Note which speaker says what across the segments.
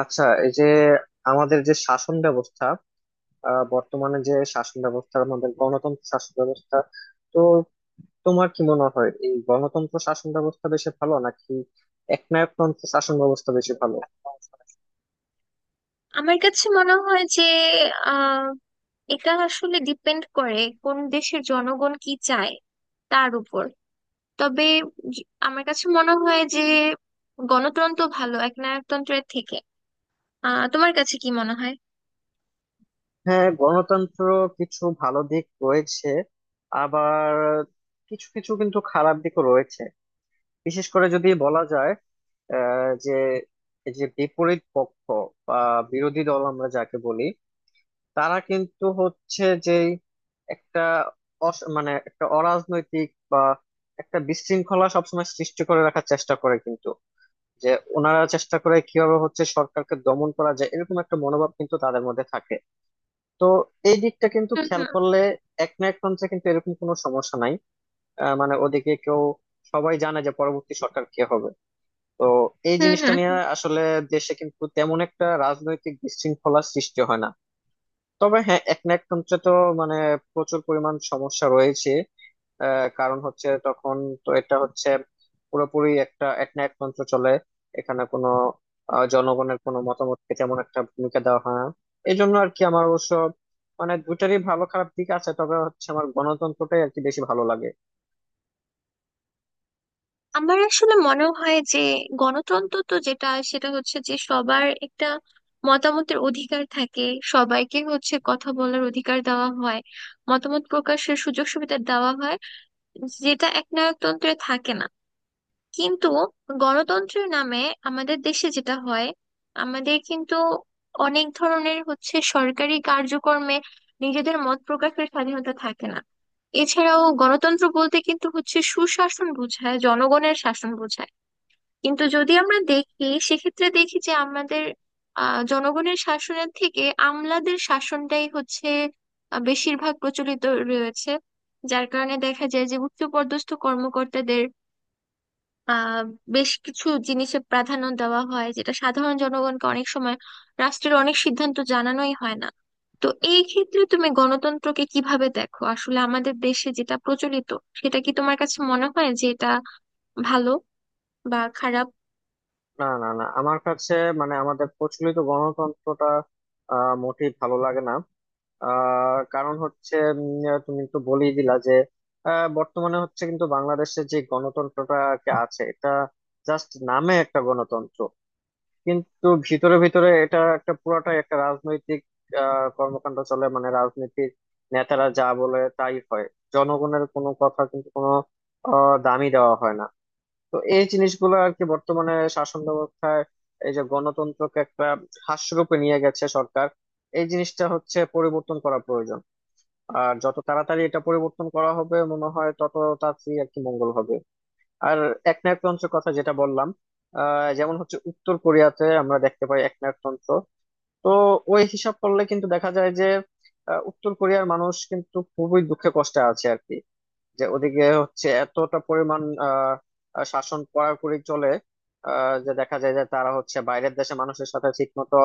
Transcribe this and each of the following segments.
Speaker 1: আচ্ছা, এই যে আমাদের যে শাসন ব্যবস্থা, বর্তমানে যে শাসন ব্যবস্থা আমাদের গণতন্ত্র শাসন ব্যবস্থা, তো তোমার কি মনে হয় এই গণতন্ত্র শাসন ব্যবস্থা বেশি ভালো নাকি একনায়কতন্ত্র শাসন ব্যবস্থা বেশি ভালো?
Speaker 2: আমার কাছে মনে হয় যে আহ এটা আসলে ডিপেন্ড করে কোন দেশের জনগণ কি চায় তার উপর। তবে আমার কাছে মনে হয় যে গণতন্ত্র ভালো একনায়কতন্ত্রের থেকে। তোমার কাছে কি মনে হয়?
Speaker 1: হ্যাঁ, গণতন্ত্র কিছু ভালো দিক রয়েছে, আবার কিছু কিছু কিন্তু খারাপ দিকও রয়েছে। বিশেষ করে যদি বলা যায়, আহ যে এই যে বিপরীত পক্ষ বা বিরোধী দল আমরা যাকে বলি, তারা কিন্তু হচ্ছে যে একটা মানে একটা অরাজনৈতিক বা একটা বিশৃঙ্খলা সবসময় সৃষ্টি করে রাখার চেষ্টা করে কিন্তু, যে ওনারা চেষ্টা করে কিভাবে হচ্ছে সরকারকে দমন করা যায়, এরকম একটা মনোভাব কিন্তু তাদের মধ্যে থাকে। তো এই দিকটা কিন্তু
Speaker 2: হুম
Speaker 1: খেয়াল
Speaker 2: হুম
Speaker 1: করলে, এক না এক মঞ্চে কিন্তু এরকম কোনো সমস্যা নাই। মানে ওদিকে কেউ, সবাই জানে যে পরবর্তী সরকার কে হবে। তো এই
Speaker 2: হুম
Speaker 1: জিনিসটা
Speaker 2: হুম
Speaker 1: নিয়ে
Speaker 2: হুম।
Speaker 1: আসলে দেশে কিন্তু তেমন একটা রাজনৈতিক বিশৃঙ্খলা সৃষ্টি হয় না। তবে হ্যাঁ, এক না এক তন্ত্রে তো মানে প্রচুর পরিমাণ সমস্যা রয়েছে। কারণ হচ্ছে তখন, তো এটা হচ্ছে পুরোপুরি একটা এক না এক তন্ত্র চলে। এখানে কোনো জনগণের কোনো মতামতকে তেমন একটা ভূমিকা দেওয়া হয় না। এই জন্য আর কি, আমার অবশ্য মানে দুটারই ভালো খারাপ দিক আছে, তবে হচ্ছে আমার গণতন্ত্রটাই আর কি বেশি ভালো লাগে।
Speaker 2: আমার আসলে মনে হয় যে গণতন্ত্র তো যেটা সেটা হচ্ছে যে সবার একটা মতামতের অধিকার থাকে, সবাইকে হচ্ছে কথা বলার অধিকার দেওয়া হয়, মতামত প্রকাশের সুযোগ সুবিধা দেওয়া হয়, যেটা একনায়কতন্ত্রে থাকে না। কিন্তু গণতন্ত্রের নামে আমাদের দেশে যেটা হয়, আমাদের কিন্তু অনেক ধরনের হচ্ছে সরকারি কার্যক্রমে নিজেদের মত প্রকাশের স্বাধীনতা থাকে না। এছাড়াও গণতন্ত্র বলতে কিন্তু হচ্ছে সুশাসন বোঝায়, জনগণের শাসন বোঝায়। কিন্তু যদি আমরা দেখি সেক্ষেত্রে দেখি যে আমাদের জনগণের শাসনের থেকে আমলাদের শাসনটাই হচ্ছে বেশিরভাগ প্রচলিত রয়েছে। যার কারণে দেখা যায় যে উচ্চপদস্থ কর্মকর্তাদের আহ বেশ কিছু জিনিসে প্রাধান্য দেওয়া হয়, যেটা সাধারণ জনগণকে অনেক সময় রাষ্ট্রের অনেক সিদ্ধান্ত জানানোই হয় না। তো এই ক্ষেত্রে তুমি গণতন্ত্রকে কিভাবে দেখো আসলে? আমাদের দেশে যেটা প্রচলিত, সেটা কি তোমার কাছে মনে হয় যে এটা ভালো বা খারাপ?
Speaker 1: না, না, না, আমার কাছে মানে আমাদের প্রচলিত গণতন্ত্রটা মোটেই ভালো লাগে না। কারণ হচ্ছে তুমি একটু বলেই দিলা যে, বর্তমানে হচ্ছে কিন্তু বাংলাদেশে যে গণতন্ত্রটা আর কি আছে, এটা জাস্ট নামে একটা গণতন্ত্র, কিন্তু ভিতরে ভিতরে এটা একটা পুরাটাই একটা রাজনৈতিক কর্মকাণ্ড চলে। মানে রাজনৈতিক নেতারা যা বলে তাই হয়, জনগণের কোনো কথা কিন্তু কোনো দামই দেওয়া হয় না। তো এই জিনিসগুলো আর কি বর্তমানে শাসন ব্যবস্থায়, এই যে গণতন্ত্রকে একটা হাস্যরূপে নিয়ে গেছে সরকার, এই জিনিসটা হচ্ছে পরিবর্তন করা প্রয়োজন। আর যত তাড়াতাড়ি এটা পরিবর্তন করা হবে মনে হয় তত তাড়াতাড়ি আর কি মঙ্গল হবে। আর একনায়কতন্ত্রের কথা যেটা বললাম, যেমন হচ্ছে উত্তর কোরিয়াতে আমরা দেখতে পাই একনায়কতন্ত্র। তো ওই হিসাব করলে কিন্তু দেখা যায় যে, উত্তর কোরিয়ার মানুষ কিন্তু খুবই দুঃখে কষ্টে আছে আর কি। যে ওদিকে হচ্ছে এতটা পরিমাণ আহ আহ, শাসন কড়াকড়ি চলে। যে দেখা যায় যে তারা হচ্ছে বাইরের দেশে মানুষের সাথে ঠিক মতো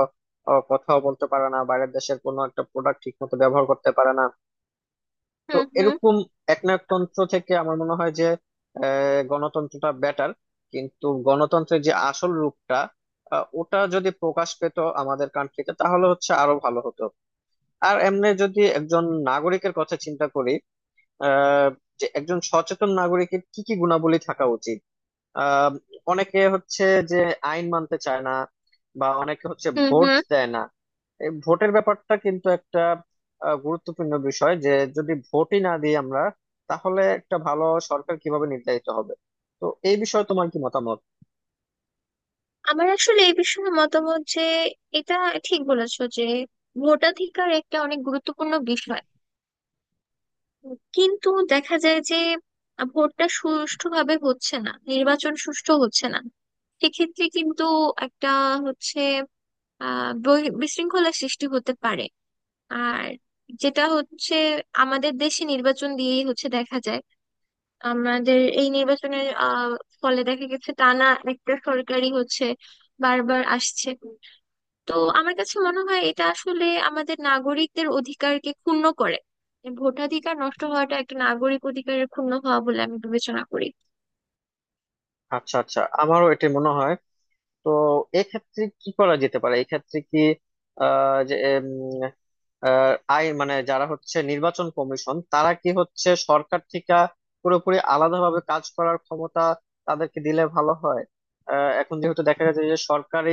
Speaker 1: কথাও বলতে পারে না, বাইরের দেশের কোনো একটা প্রোডাক্ট ঠিক মতো ব্যবহার করতে পারে না। তো
Speaker 2: হুম হুম
Speaker 1: এরকম একনায়কতন্ত্র থেকে আমার মনে হয় যে গণতন্ত্রটা বেটার। কিন্তু গণতন্ত্রের যে আসল রূপটা, ওটা যদি প্রকাশ পেত আমাদের কান্ট্রিতে তাহলে হচ্ছে আরো ভালো হতো। আর এমনি যদি একজন নাগরিকের কথা চিন্তা করি, আহ যে একজন সচেতন নাগরিকের কি কি গুণাবলী থাকা উচিত। আহ অনেকে হচ্ছে যে আইন মানতে চায় না, বা অনেকে হচ্ছে
Speaker 2: হুম
Speaker 1: ভোট
Speaker 2: হুম
Speaker 1: দেয় না। এই ভোটের ব্যাপারটা কিন্তু একটা গুরুত্বপূর্ণ বিষয়, যে যদি ভোটই না দিই আমরা, তাহলে একটা ভালো সরকার কিভাবে নির্ধারিত হবে? তো এই বিষয়ে তোমার কি মতামত?
Speaker 2: আমার আসলে এই বিষয়ে মতামত যে এটা ঠিক বলেছো যে ভোটাধিকার একটা অনেক গুরুত্বপূর্ণ বিষয়। কিন্তু দেখা যায় যে ভোটটা সুষ্ঠুভাবে হচ্ছে না, নির্বাচন সুষ্ঠু হচ্ছে না। সেক্ষেত্রে কিন্তু একটা হচ্ছে বিশৃঙ্খলা সৃষ্টি হতে পারে। আর যেটা হচ্ছে আমাদের দেশে নির্বাচন দিয়েই হচ্ছে দেখা যায় আমাদের এই নির্বাচনের ফলে দেখা গেছে টানা একটা সরকারি হচ্ছে বারবার আসছে। তো আমার কাছে মনে হয় এটা আসলে আমাদের নাগরিকদের অধিকারকে ক্ষুণ্ণ করে। ভোটাধিকার নষ্ট হওয়াটা একটা নাগরিক অধিকারের ক্ষুণ্ণ হওয়া বলে আমি বিবেচনা করি।
Speaker 1: আচ্ছা, আচ্ছা, আমারও এটা মনে হয়। তো এক্ষেত্রে কি করা যেতে পারে, এক্ষেত্রে কি আহ যে উম, আহ, আই মানে যারা হচ্ছে নির্বাচন কমিশন তারা কি হচ্ছে সরকার থেকে পুরোপুরি আলাদাভাবে কাজ করার ক্ষমতা তাদেরকে দিলে ভালো হয়। এখন যেহেতু দেখা গেছে যে সরকারি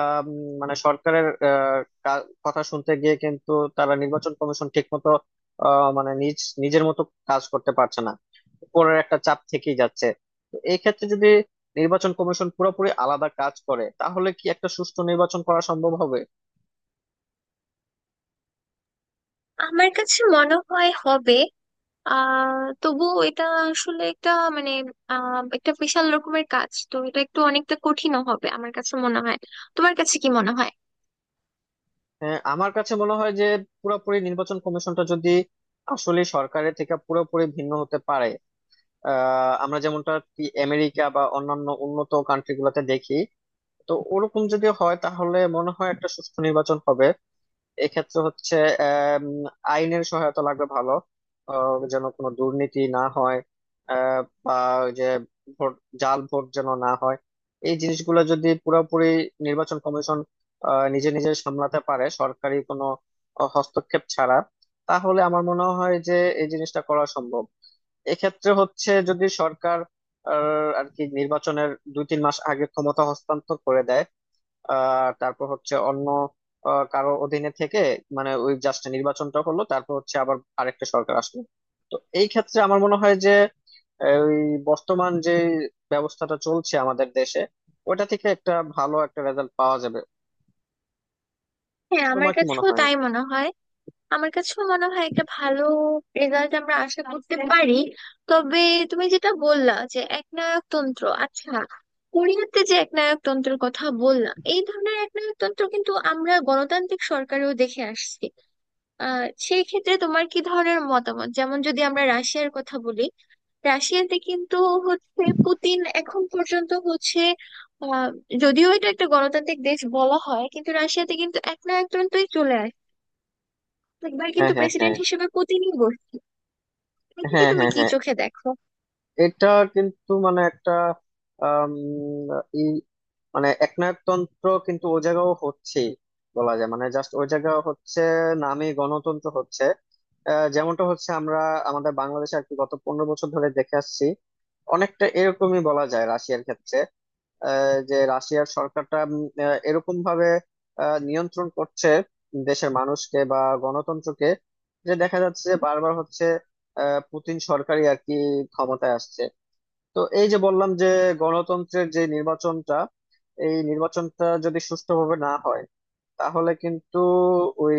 Speaker 1: আম, মানে সরকারের কথা শুনতে গিয়ে কিন্তু তারা নির্বাচন কমিশন ঠিক মতো, মানে নিজ নিজের মতো কাজ করতে পারছে না, উপরের একটা চাপ থেকেই যাচ্ছে। তো এই ক্ষেত্রে যদি নির্বাচন কমিশন পুরোপুরি আলাদা কাজ করে তাহলে কি একটা সুষ্ঠু নির্বাচন করা সম্ভব হবে?
Speaker 2: আমার কাছে মনে হয় হবে। আহ তবুও এটা আসলে একটা মানে আহ একটা বিশাল রকমের কাজ, তো এটা একটু অনেকটা কঠিনও হবে আমার কাছে মনে হয়। তোমার কাছে কি মনে হয়?
Speaker 1: হ্যাঁ, আমার কাছে মনে হয় যে পুরোপুরি নির্বাচন কমিশনটা যদি আসলে সরকারের থেকে পুরোপুরি ভিন্ন হতে পারে, আমরা যেমনটা কি আমেরিকা বা অন্যান্য উন্নত কান্ট্রি গুলাতে দেখি, তো ওরকম যদি হয় তাহলে মনে হয় একটা সুষ্ঠু নির্বাচন হবে। এক্ষেত্রে হচ্ছে আম, আইনের সহায়তা লাগবে ভালো, যেন কোনো দুর্নীতি না হয়, বা ওই যে ভোট, জাল ভোট যেন না হয়। এই জিনিসগুলো যদি পুরোপুরি নির্বাচন কমিশন নিজে নিজে সামলাতে পারে সরকারি কোনো হস্তক্ষেপ ছাড়া, তাহলে আমার মনে হয় যে এই জিনিসটা করা সম্ভব। এক্ষেত্রে হচ্ছে যদি সরকার আর কি নির্বাচনের দুই তিন মাস আগে ক্ষমতা হস্তান্তর করে দেয়, তারপর হচ্ছে অন্য কারো অধীনে থেকে মানে ওই জাস্ট নির্বাচনটা হলো, তারপর হচ্ছে আবার আরেকটা সরকার আসলো। তো এই ক্ষেত্রে আমার মনে হয় যে ওই বর্তমান যে ব্যবস্থাটা চলছে আমাদের দেশে, ওটা থেকে একটা ভালো একটা রেজাল্ট পাওয়া যাবে।
Speaker 2: হ্যাঁ, আমার
Speaker 1: তোমার কি মনে
Speaker 2: কাছেও
Speaker 1: হয়?
Speaker 2: তাই মনে হয়। আমার কাছেও মনে হয় একটা ভালো রেজাল্ট আমরা আশা করতে পারি। তবে তুমি যেটা বললা যে একনায়কতন্ত্র, আচ্ছা কোরিয়াতে যে একনায়কতন্ত্রের কথা বললা, এই ধরনের একনায়কতন্ত্র কিন্তু আমরা গণতান্ত্রিক সরকারেও দেখে আসছি। সেই ক্ষেত্রে তোমার কি ধরনের মতামত? যেমন যদি আমরা রাশিয়ার কথা বলি, রাশিয়াতে কিন্তু হচ্ছে পুতিন এখন পর্যন্ত হচ্ছে আহ যদিও এটা একটা গণতান্ত্রিক দেশ বলা হয়, কিন্তু রাশিয়াতে কিন্তু একনায়কতন্ত্রই চলে। একবার
Speaker 1: হ্যাঁ,
Speaker 2: কিন্তু
Speaker 1: হ্যাঁ, হ্যাঁ।
Speaker 2: প্রেসিডেন্ট হিসেবে পুতিনই বসছে। এটাকে
Speaker 1: হ্যাঁ,
Speaker 2: তুমি
Speaker 1: হ্যাঁ,
Speaker 2: কি
Speaker 1: হ্যাঁ,
Speaker 2: চোখে দেখো?
Speaker 1: এটা কিন্তু মানে একটা আম, এই মানে একনায়কতন্ত্র কিন্তু ও জায়গাও হচ্ছে, বলা যায় মানে জাস্ট ওই জায়গা হচ্ছে নামে গণতন্ত্র হচ্ছে। যেমনটা হচ্ছে আমরা আমাদের বাংলাদেশে আর কি গত 15 বছর ধরে দেখে আসছি, অনেকটা এরকমই বলা যায় রাশিয়ার ক্ষেত্রে। যে রাশিয়ার সরকারটা এরকম ভাবে নিয়ন্ত্রণ করছে দেশের মানুষকে বা গণতন্ত্রকে, যে দেখা যাচ্ছে যে বারবার হচ্ছে পুতিন সরকারই আর কি ক্ষমতায় আসছে। তো এই যে বললাম যে গণতন্ত্রের যে নির্বাচনটা, এই নির্বাচনটা যদি সুষ্ঠুভাবে না হয়, তাহলে কিন্তু ওই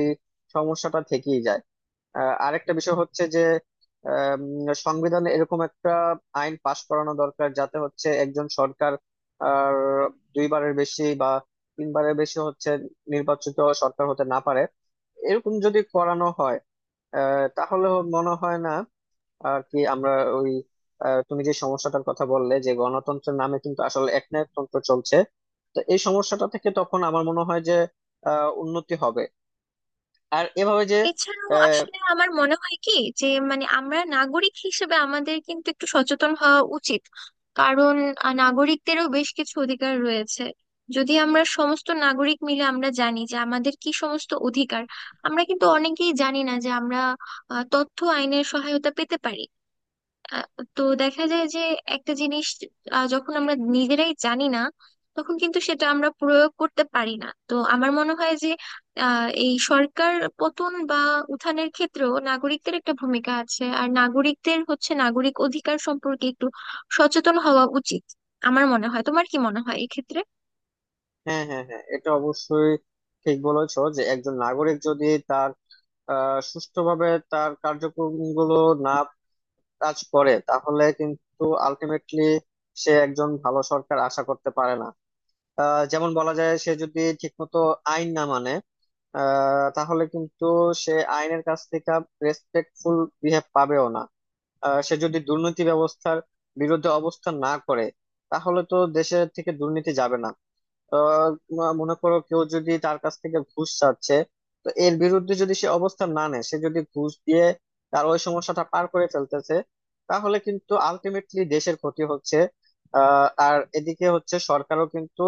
Speaker 1: সমস্যাটা থেকেই যায়। আরেকটা বিষয় হচ্ছে যে আম, সংবিধানে এরকম একটা আইন পাশ করানো দরকার যাতে হচ্ছে একজন সরকার আর দুইবারের বেশি বা তিনবারের বেশি হচ্ছে নির্বাচিত সরকার হতে না পারে। এরকম যদি করানো হয়, তাহলে মনে হয় না আর কি আমরা ওই, তুমি যে সমস্যাটার কথা বললে যে গণতন্ত্রের নামে কিন্তু আসলে একনায়কতন্ত্র চলছে, তো এই সমস্যাটা থেকে তখন আমার মনে হয় যে উন্নতি হবে। আর এভাবে যে
Speaker 2: এছাড়াও
Speaker 1: আহ,
Speaker 2: আসলে আমার মনে হয় কি যে মানে আমরা নাগরিক হিসেবে আমাদের কিন্তু একটু সচেতন হওয়া উচিত। কারণ নাগরিকদেরও বেশ কিছু অধিকার রয়েছে। যদি আমরা সমস্ত নাগরিক মিলে আমরা জানি যে আমাদের কি সমস্ত অধিকার, আমরা কিন্তু অনেকেই জানি না যে আমরা তথ্য আইনের সহায়তা পেতে পারি। আহ, তো দেখা যায় যে একটা জিনিস যখন আমরা নিজেরাই জানি না, তখন কিন্তু সেটা আমরা প্রয়োগ করতে পারি না। তো আমার মনে হয় যে এই সরকার পতন বা উত্থানের ক্ষেত্রেও নাগরিকদের একটা ভূমিকা আছে, আর নাগরিকদের হচ্ছে নাগরিক অধিকার সম্পর্কে একটু সচেতন হওয়া উচিত আমার মনে হয়। তোমার কি মনে হয় এক্ষেত্রে?
Speaker 1: হ্যাঁ, হ্যাঁ, হ্যাঁ, এটা অবশ্যই ঠিক বলেছো যে একজন নাগরিক যদি তার সুষ্ঠুভাবে তার কার্যক্রমগুলো না কাজ করে, তাহলে কিন্তু আলটিমেটলি সে একজন ভালো সরকার আশা করতে পারে না। যেমন বলা যায় সে যদি ঠিকমতো আইন না মানে, তাহলে কিন্তু সে আইনের কাছ থেকে রেসপেক্টফুল বিহেভ পাবেও না। সে যদি দুর্নীতি ব্যবস্থার বিরুদ্ধে অবস্থান না করে, তাহলে তো দেশের থেকে দুর্নীতি যাবে না। আহ মনে করো কেউ যদি তার কাছ থেকে ঘুষ চাচ্ছে, তো এর বিরুদ্ধে যদি সে অবস্থান না নেয়, সে যদি ঘুষ দিয়ে তার ওই সমস্যাটা পার করে ফেলতেছে, তাহলে কিন্তু আলটিমেটলি দেশের ক্ষতি হচ্ছে। আর এদিকে হচ্ছে সরকারও কিন্তু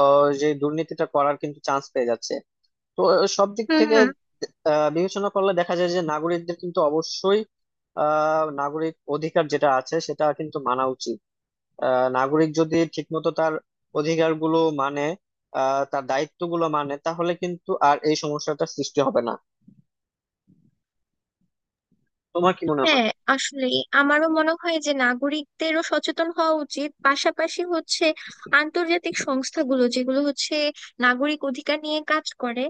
Speaker 1: যে দুর্নীতিটা করার কিন্তু চান্স পেয়ে যাচ্ছে। তো সব দিক
Speaker 2: হুম
Speaker 1: থেকে
Speaker 2: হুম।
Speaker 1: বিবেচনা করলে দেখা যায় যে নাগরিকদের কিন্তু অবশ্যই নাগরিক অধিকার যেটা আছে সেটা কিন্তু মানা উচিত। নাগরিক যদি ঠিকমতো তার অধিকারগুলো মানে তার দায়িত্বগুলো মানে, তাহলে কিন্তু আর এই সমস্যাটা সৃষ্টি হবে না। তোমার কি মনে হয়?
Speaker 2: হ্যাঁ, আসলে আমারও মনে হয় যে নাগরিকদেরও সচেতন হওয়া উচিত, পাশাপাশি হচ্ছে আন্তর্জাতিক সংস্থাগুলো যেগুলো হচ্ছে নাগরিক অধিকার নিয়ে কাজ করে,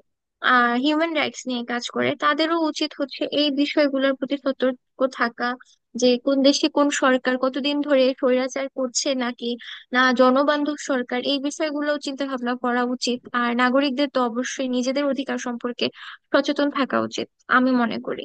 Speaker 2: হিউম্যান রাইটস নিয়ে কাজ করে, তাদেরও উচিত হচ্ছে এই বিষয়গুলোর প্রতি সতর্ক থাকা, যে কোন দেশে কোন সরকার কতদিন ধরে স্বৈরাচার করছে নাকি না জনবান্ধব সরকার, এই বিষয়গুলো চিন্তা ভাবনা করা উচিত। আর নাগরিকদের তো অবশ্যই নিজেদের অধিকার সম্পর্কে সচেতন থাকা উচিত আমি মনে করি।